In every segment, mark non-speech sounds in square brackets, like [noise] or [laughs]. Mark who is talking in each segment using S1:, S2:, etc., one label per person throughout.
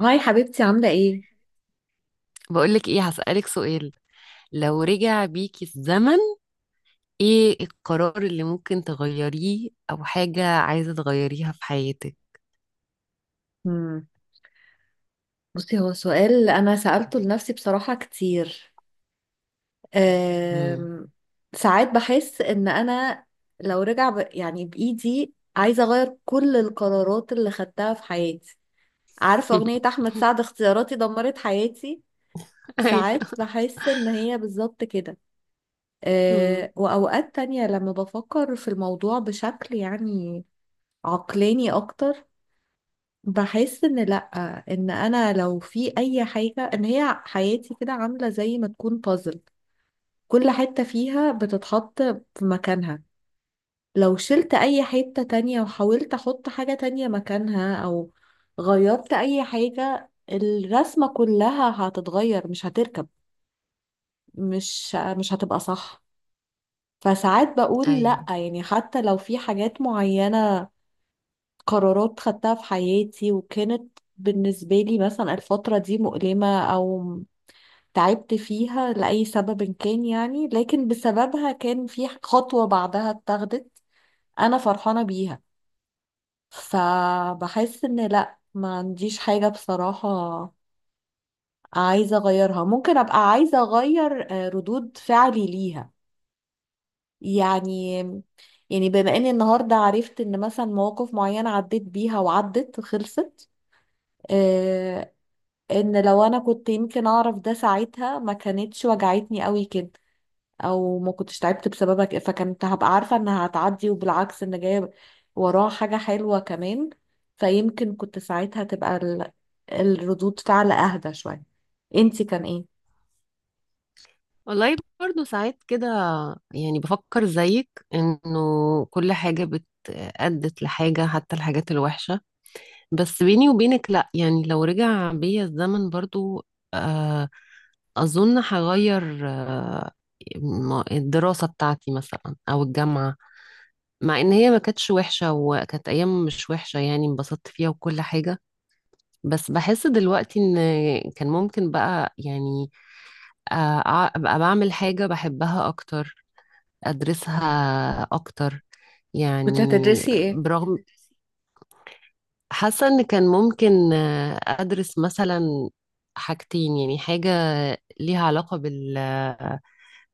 S1: هاي حبيبتي، عاملة ايه؟
S2: بقولك ايه، هسألك سؤال. لو رجع بيكي الزمن، ايه القرار اللي ممكن تغيريه او حاجة عايزة تغيريها في حياتك؟
S1: مم. بصي، هو سؤال أنا سألته لنفسي بصراحة كتير.
S2: مم.
S1: أم... ساعات بحس إن أنا لو يعني بإيدي عايزة أغير كل القرارات اللي خدتها في حياتي. عارفة أغنية
S2: [laughs]
S1: أحمد سعد؟ اختياراتي دمرت حياتي. ساعات
S2: ايوه.
S1: بحس إن هي بالظبط كده.
S2: مم.
S1: وأوقات تانية لما بفكر في الموضوع بشكل يعني عقلاني أكتر، بحس ان لا، ان انا لو في اي حاجه، ان هي حياتي كده عامله زي ما تكون بازل. كل حته فيها بتتحط في مكانها. لو شلت اي حته تانية وحاولت احط حاجه تانية مكانها او غيرت اي حاجه، الرسمه كلها هتتغير، مش هتركب، مش هتبقى صح. فساعات بقول لا،
S2: ايوه،
S1: يعني حتى لو في حاجات معينه، قرارات خدتها في حياتي وكانت بالنسبة لي مثلا الفترة دي مؤلمة أو تعبت فيها لأي سبب كان، يعني لكن بسببها كان في خطوة بعدها اتاخدت أنا فرحانة بيها. فبحس إن لأ، ما عنديش حاجة بصراحة عايزة أغيرها. ممكن أبقى عايزة أغير ردود فعلي ليها يعني. يعني بما اني النهارده عرفت ان مثلا مواقف معينه عديت بيها وعدت وخلصت، ان لو انا كنت يمكن اعرف ده ساعتها، ما كانتش وجعتني قوي كده او ما كنتش تعبت بسببك، فكنت هبقى عارفة انها هتعدي وبالعكس ان جاية وراها حاجة حلوة كمان. فيمكن كنت ساعتها تبقى الردود فعل اهدى شوية. انتي كان ايه؟
S2: والله برضو ساعات كده، يعني بفكر زيك انه كل حاجة بت أدت لحاجة، حتى الحاجات الوحشة. بس بيني وبينك لا، يعني لو رجع بيا الزمن برضو آه، أظن هغير الدراسة بتاعتي مثلا أو الجامعة. مع إن هي ما كانتش وحشة، وكانت أيام مش وحشة، يعني انبسطت فيها وكل حاجة. بس بحس دلوقتي إن كان ممكن بقى يعني أبقى بعمل حاجة بحبها أكتر، أدرسها أكتر يعني.
S1: كنت هتدرسي ايه؟
S2: برغم، حاسة إن كان ممكن أدرس مثلا حاجتين، يعني حاجة ليها علاقة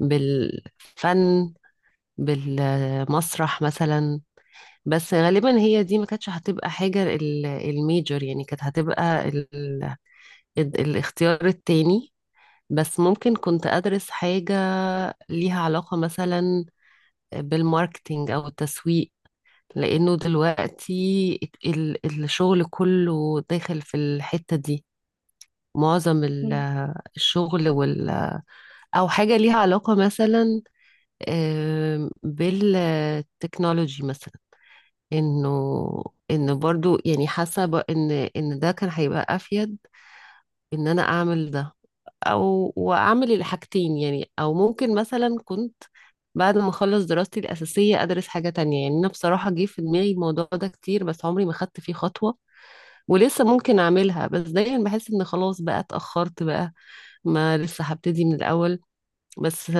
S2: بالفن بالمسرح مثلا. بس غالبا هي دي ما كانتش هتبقى حاجة الميجر، يعني كانت هتبقى الاختيار التاني. بس ممكن كنت أدرس حاجة ليها علاقة مثلا بالماركتينج أو التسويق، لأنه دلوقتي الشغل كله داخل في الحتة دي، معظم
S1: مم.
S2: الشغل أو حاجة ليها علاقة مثلا، بالتكنولوجي مثلا. انه ان برضو يعني حاسه ان ده كان هيبقى افيد، ان انا اعمل ده، او واعمل الحاجتين. يعني او ممكن مثلا كنت بعد ما اخلص دراستي الاساسيه ادرس حاجه تانية. يعني انا بصراحه جه في دماغي الموضوع ده كتير، بس عمري ما خدت فيه خطوه، ولسه ممكن اعملها، بس دايما بحس ان خلاص بقى اتاخرت بقى، ما لسه هبتدي من الاول. بس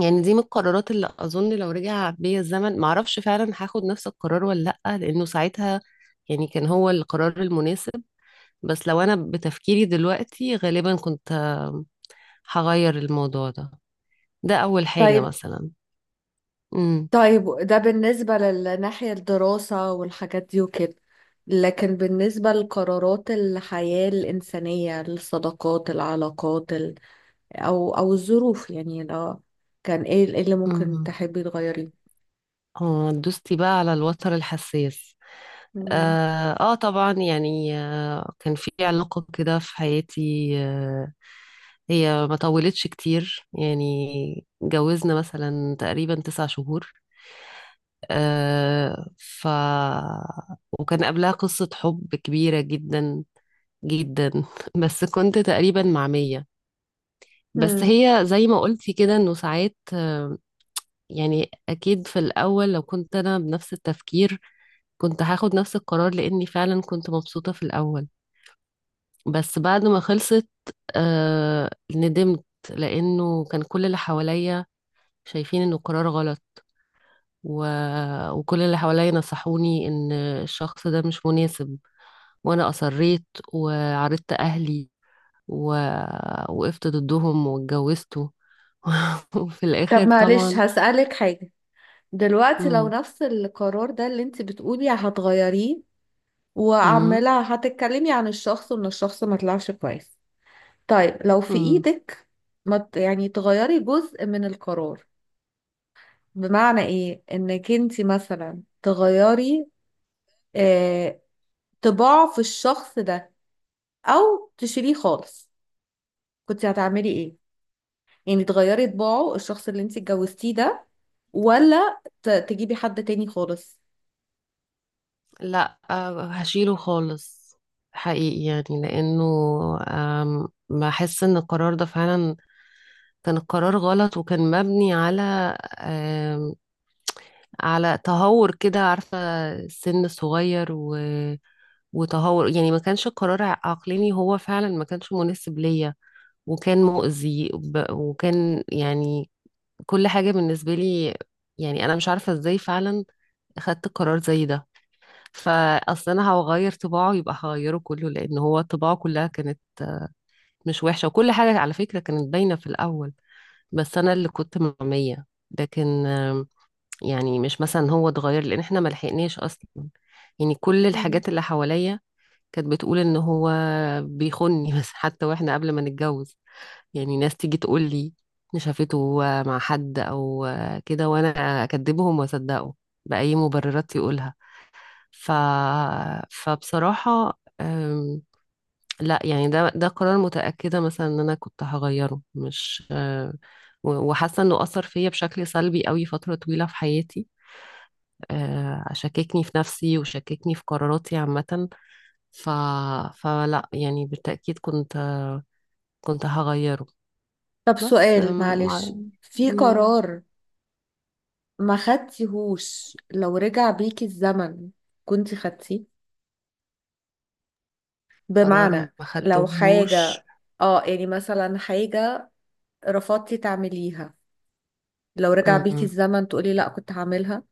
S2: يعني دي من القرارات اللي اظن لو رجع بيا الزمن معرفش فعلا هاخد نفس القرار ولا لا، لانه ساعتها يعني كان هو القرار المناسب. بس لو انا بتفكيري دلوقتي غالبا كنت هغير الموضوع ده. ده اول حاجة
S1: طيب.
S2: مثلا. امم.
S1: طيب، ده بالنسبة للناحية الدراسة والحاجات دي وكده، لكن بالنسبة لقرارات الحياة الإنسانية، الصداقات، العلاقات، او الظروف، يعني لو كان ايه، إيه اللي ممكن
S2: امم،
S1: تحبي تغيريه؟
S2: اه دوستي بقى على الوتر الحساس.
S1: مم.
S2: اه, آه طبعا، يعني آه كان في علاقة كده في حياتي. آه، هي ما طولتش كتير، يعني اتجوزنا مثلا تقريبا 9 شهور. آه ف وكان قبلها قصة حب كبيرة جدا جدا. [laughs] بس كنت تقريبا مع مية. بس
S1: مم.
S2: هي زي ما قلتي كده انه ساعات يعني اكيد في الاول لو كنت انا بنفس التفكير كنت هاخد نفس القرار، لاني فعلا كنت مبسوطة في الاول. بس بعد ما خلصت آه، ندمت لانه كان كل اللي حواليا شايفين انه قرار غلط، و... وكل اللي حواليا نصحوني ان الشخص ده مش مناسب، وانا اصريت وعرضت اهلي ووقفت ضدهم واتجوزته. [laughs] وفي
S1: طب
S2: الاخر
S1: معلش
S2: طبعا.
S1: هسألك حاجة. دلوقتي لو
S2: مم.
S1: نفس القرار ده اللي انت بتقولي هتغيريه،
S2: مم.
S1: وعمالة هتتكلمي عن الشخص وان الشخص ما طلعش كويس، طيب لو في
S2: مم.
S1: ايدك ما ت- يعني تغيري جزء من القرار، بمعنى ايه انك انت مثلا تغيري آه طباع في الشخص ده او تشيليه خالص، كنت هتعملي ايه؟ يعني تغيري طباعه الشخص اللي انت اتجوزتيه ده، ولا تجيبي حد تاني خالص؟
S2: لا هشيله خالص حقيقي، يعني لانه بحس ان القرار ده فعلا كان القرار غلط، وكان مبني على آم، على تهور كده، عارفة، السن الصغير و وتهور، يعني ما كانش القرار عقلاني، هو فعلا ما كانش مناسب ليا، وكان مؤذي وكان يعني كل حاجة بالنسبة لي. يعني أنا مش عارفة إزاي فعلا خدت قرار زي ده. فأصل أنا هغير طباعه يبقى هغيره كله، لأن هو طباعه كلها كانت مش وحشة، وكل حاجة على فكرة كانت باينة في الأول، بس أنا اللي كنت معمية. لكن يعني مش مثلا هو اتغير، لأن إحنا ملحقناش أصلا. يعني كل
S1: مم.
S2: الحاجات اللي حواليا كانت بتقول إن هو بيخوني. [laughs] بس حتى وإحنا قبل ما نتجوز يعني ناس تيجي تقول لي ان شافته مع حد او كده، وانا اكذبهم واصدقه باي مبررات يقولها. ف... فبصراحه لا يعني ده قرار متاكده مثلا ان انا كنت هغيره، مش وحاسه انه اثر فيا بشكل سلبي قوي فتره طويله في حياتي. أه، شككني في نفسي وشككني في قراراتي عامه. ف... فلا يعني بالتاكيد كنت هغيره.
S1: طب
S2: بس
S1: سؤال معلش، في قرار ما خدتيهوش لو رجع بيكي الزمن كنت خدتيه؟
S2: قرار ما
S1: بمعنى لو حاجة،
S2: خدتهوش.
S1: اه يعني مثلا حاجة رفضتي تعمليها، لو رجع بيكي
S2: مم.
S1: الزمن تقولي لا كنت هعملها.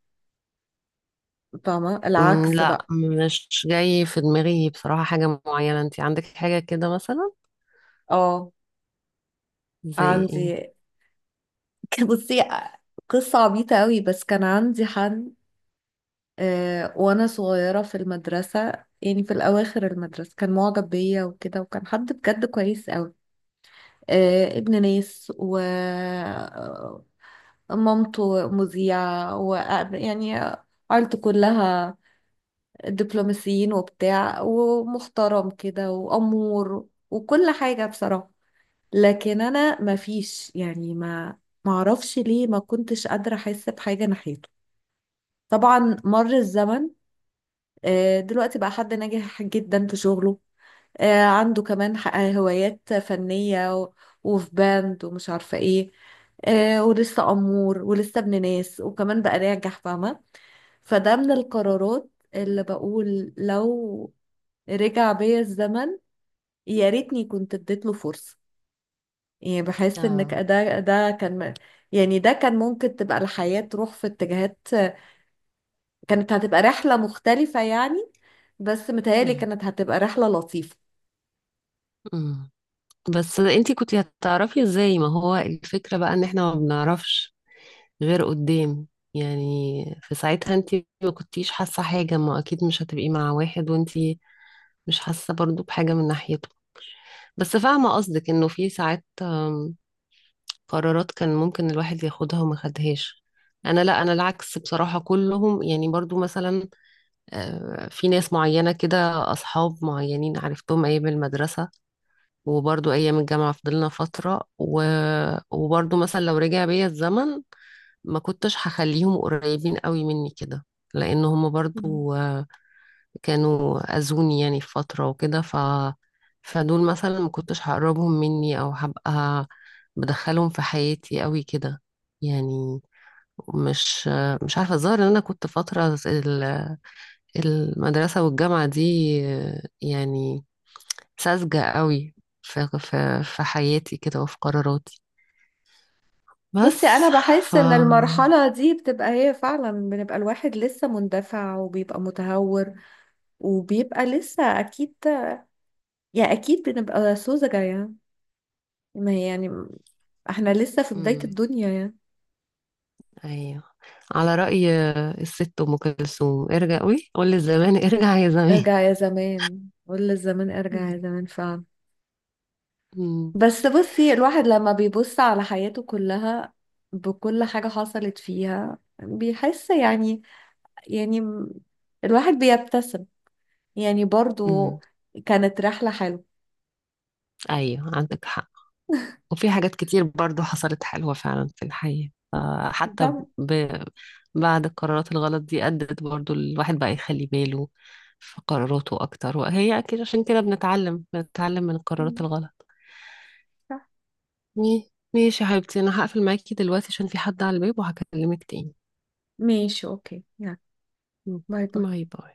S1: فاهمة
S2: مم،
S1: العكس
S2: لا
S1: بقى؟
S2: مش جاي في دماغي بصراحة حاجة معينة. انت عندك حاجة كده مثلا،
S1: اه
S2: زي ايه؟
S1: عندي. [laughs] بصي، قصة عبيطة قوي، بس كان عندي حد، وانا صغيرة في المدرسة، يعني في الاواخر المدرسة، كان معجب بيا وكده، وكان حد بجد كويس قوي. ابن ناس، و مامته مذيعة، و يعني عيلته كلها دبلوماسيين وبتاع ومحترم كده وأمور وكل حاجة بصراحة. لكن أنا ما فيش، يعني ما معرفش ليه ما كنتش قادرة أحس بحاجة ناحيته. طبعا مر الزمن. دلوقتي بقى حد ناجح جدا في شغله، عنده كمان هوايات فنية، و وفي باند ومش عارفة ايه، ولسه أمور، ولسه ابن ناس، وكمان بقى ناجح، فاهمة؟ فده من القرارات اللي بقول لو رجع بيا الزمن، يا ريتني كنت اديت له فرصة. يعني بحس ان ك-
S2: اه.
S1: ده ده كان يعني ده كان ممكن تبقى الحياة تروح في اتجاهات، كانت هتبقى رحلة مختلفة يعني، بس متهيألي
S2: مم.
S1: كانت هتبقى رحلة لطيفة.
S2: مم. بس انت كنت هتعرفي ازاي؟ ما هو الفكرة بقى ان احنا ما بنعرفش غير قدام يعني. في ساعتها انت ما كنتيش حاسة حاجة، ما اكيد مش هتبقي مع واحد وانت مش حاسة برضو بحاجة من ناحيته. بس فاهمة قصدك انه في ساعات قرارات كان ممكن الواحد ياخدها وما خدهاش. انا لا، انا العكس بصراحة كلهم، يعني برضو مثلا في ناس معينة كده، اصحاب معينين عرفتهم ايام المدرسة، وبرضو ايام الجامعة فضلنا فترة وبرضو مثلا لو رجع بيا الزمن ما كنتش هخليهم قريبين قوي مني كده، لان هم
S1: مم.
S2: برضو كانوا أذوني يعني في فترة وكده. ف فدول مثلا ما كنتش هقربهم مني أو هبقى بدخلهم في حياتي قوي كده. يعني مش مش عارفة، الظاهر إن أنا كنت فترة المدرسة والجامعة دي يعني ساذجة قوي في في حياتي كده وفي قراراتي.
S1: بصي،
S2: بس
S1: أنا
S2: ف،
S1: بحس إن المرحلة دي بتبقى هي فعلا، بنبقى الواحد لسه مندفع وبيبقى متهور وبيبقى لسه أكيد، يعني أكيد بنبقى سوزجة يعني. ما هي يعني احنا لسه في بداية
S2: مم.
S1: الدنيا يعني.
S2: أيوه، على رأي الست أم كلثوم، ارجع قوي، قول للزمان ارجع يا زمان.
S1: ارجع يا زمان، قول للزمان ارجع يا
S2: [laughs]
S1: زمان، فعلا.
S2: مم.
S1: بس بصي، الواحد لما بيبص على حياته كلها، بكل حاجة حصلت فيها، بيحس يعني، يعني م- الواحد بيبتسم، يعني برضو
S2: مم.
S1: كانت رحلة حلوة.
S2: ايوه عندك حق، وفي حاجات كتير برضو حصلت حلوة فعلا في الحياة آه، حتى
S1: طبعا.
S2: بعد القرارات الغلط دي أدت برضو الواحد بقى يخلي باله في قراراته أكتر، وهي أكيد عشان كده بنتعلم، بنتعلم من القرارات
S1: مم.
S2: الغلط.
S1: صح.
S2: ماشي يا حبيبتي، أنا هقفل معاكي دلوقتي عشان في حد على الباب، وهكلمك تاني.
S1: ماشي اوكي، يلا
S2: مم.
S1: باي باي.
S2: باي باي.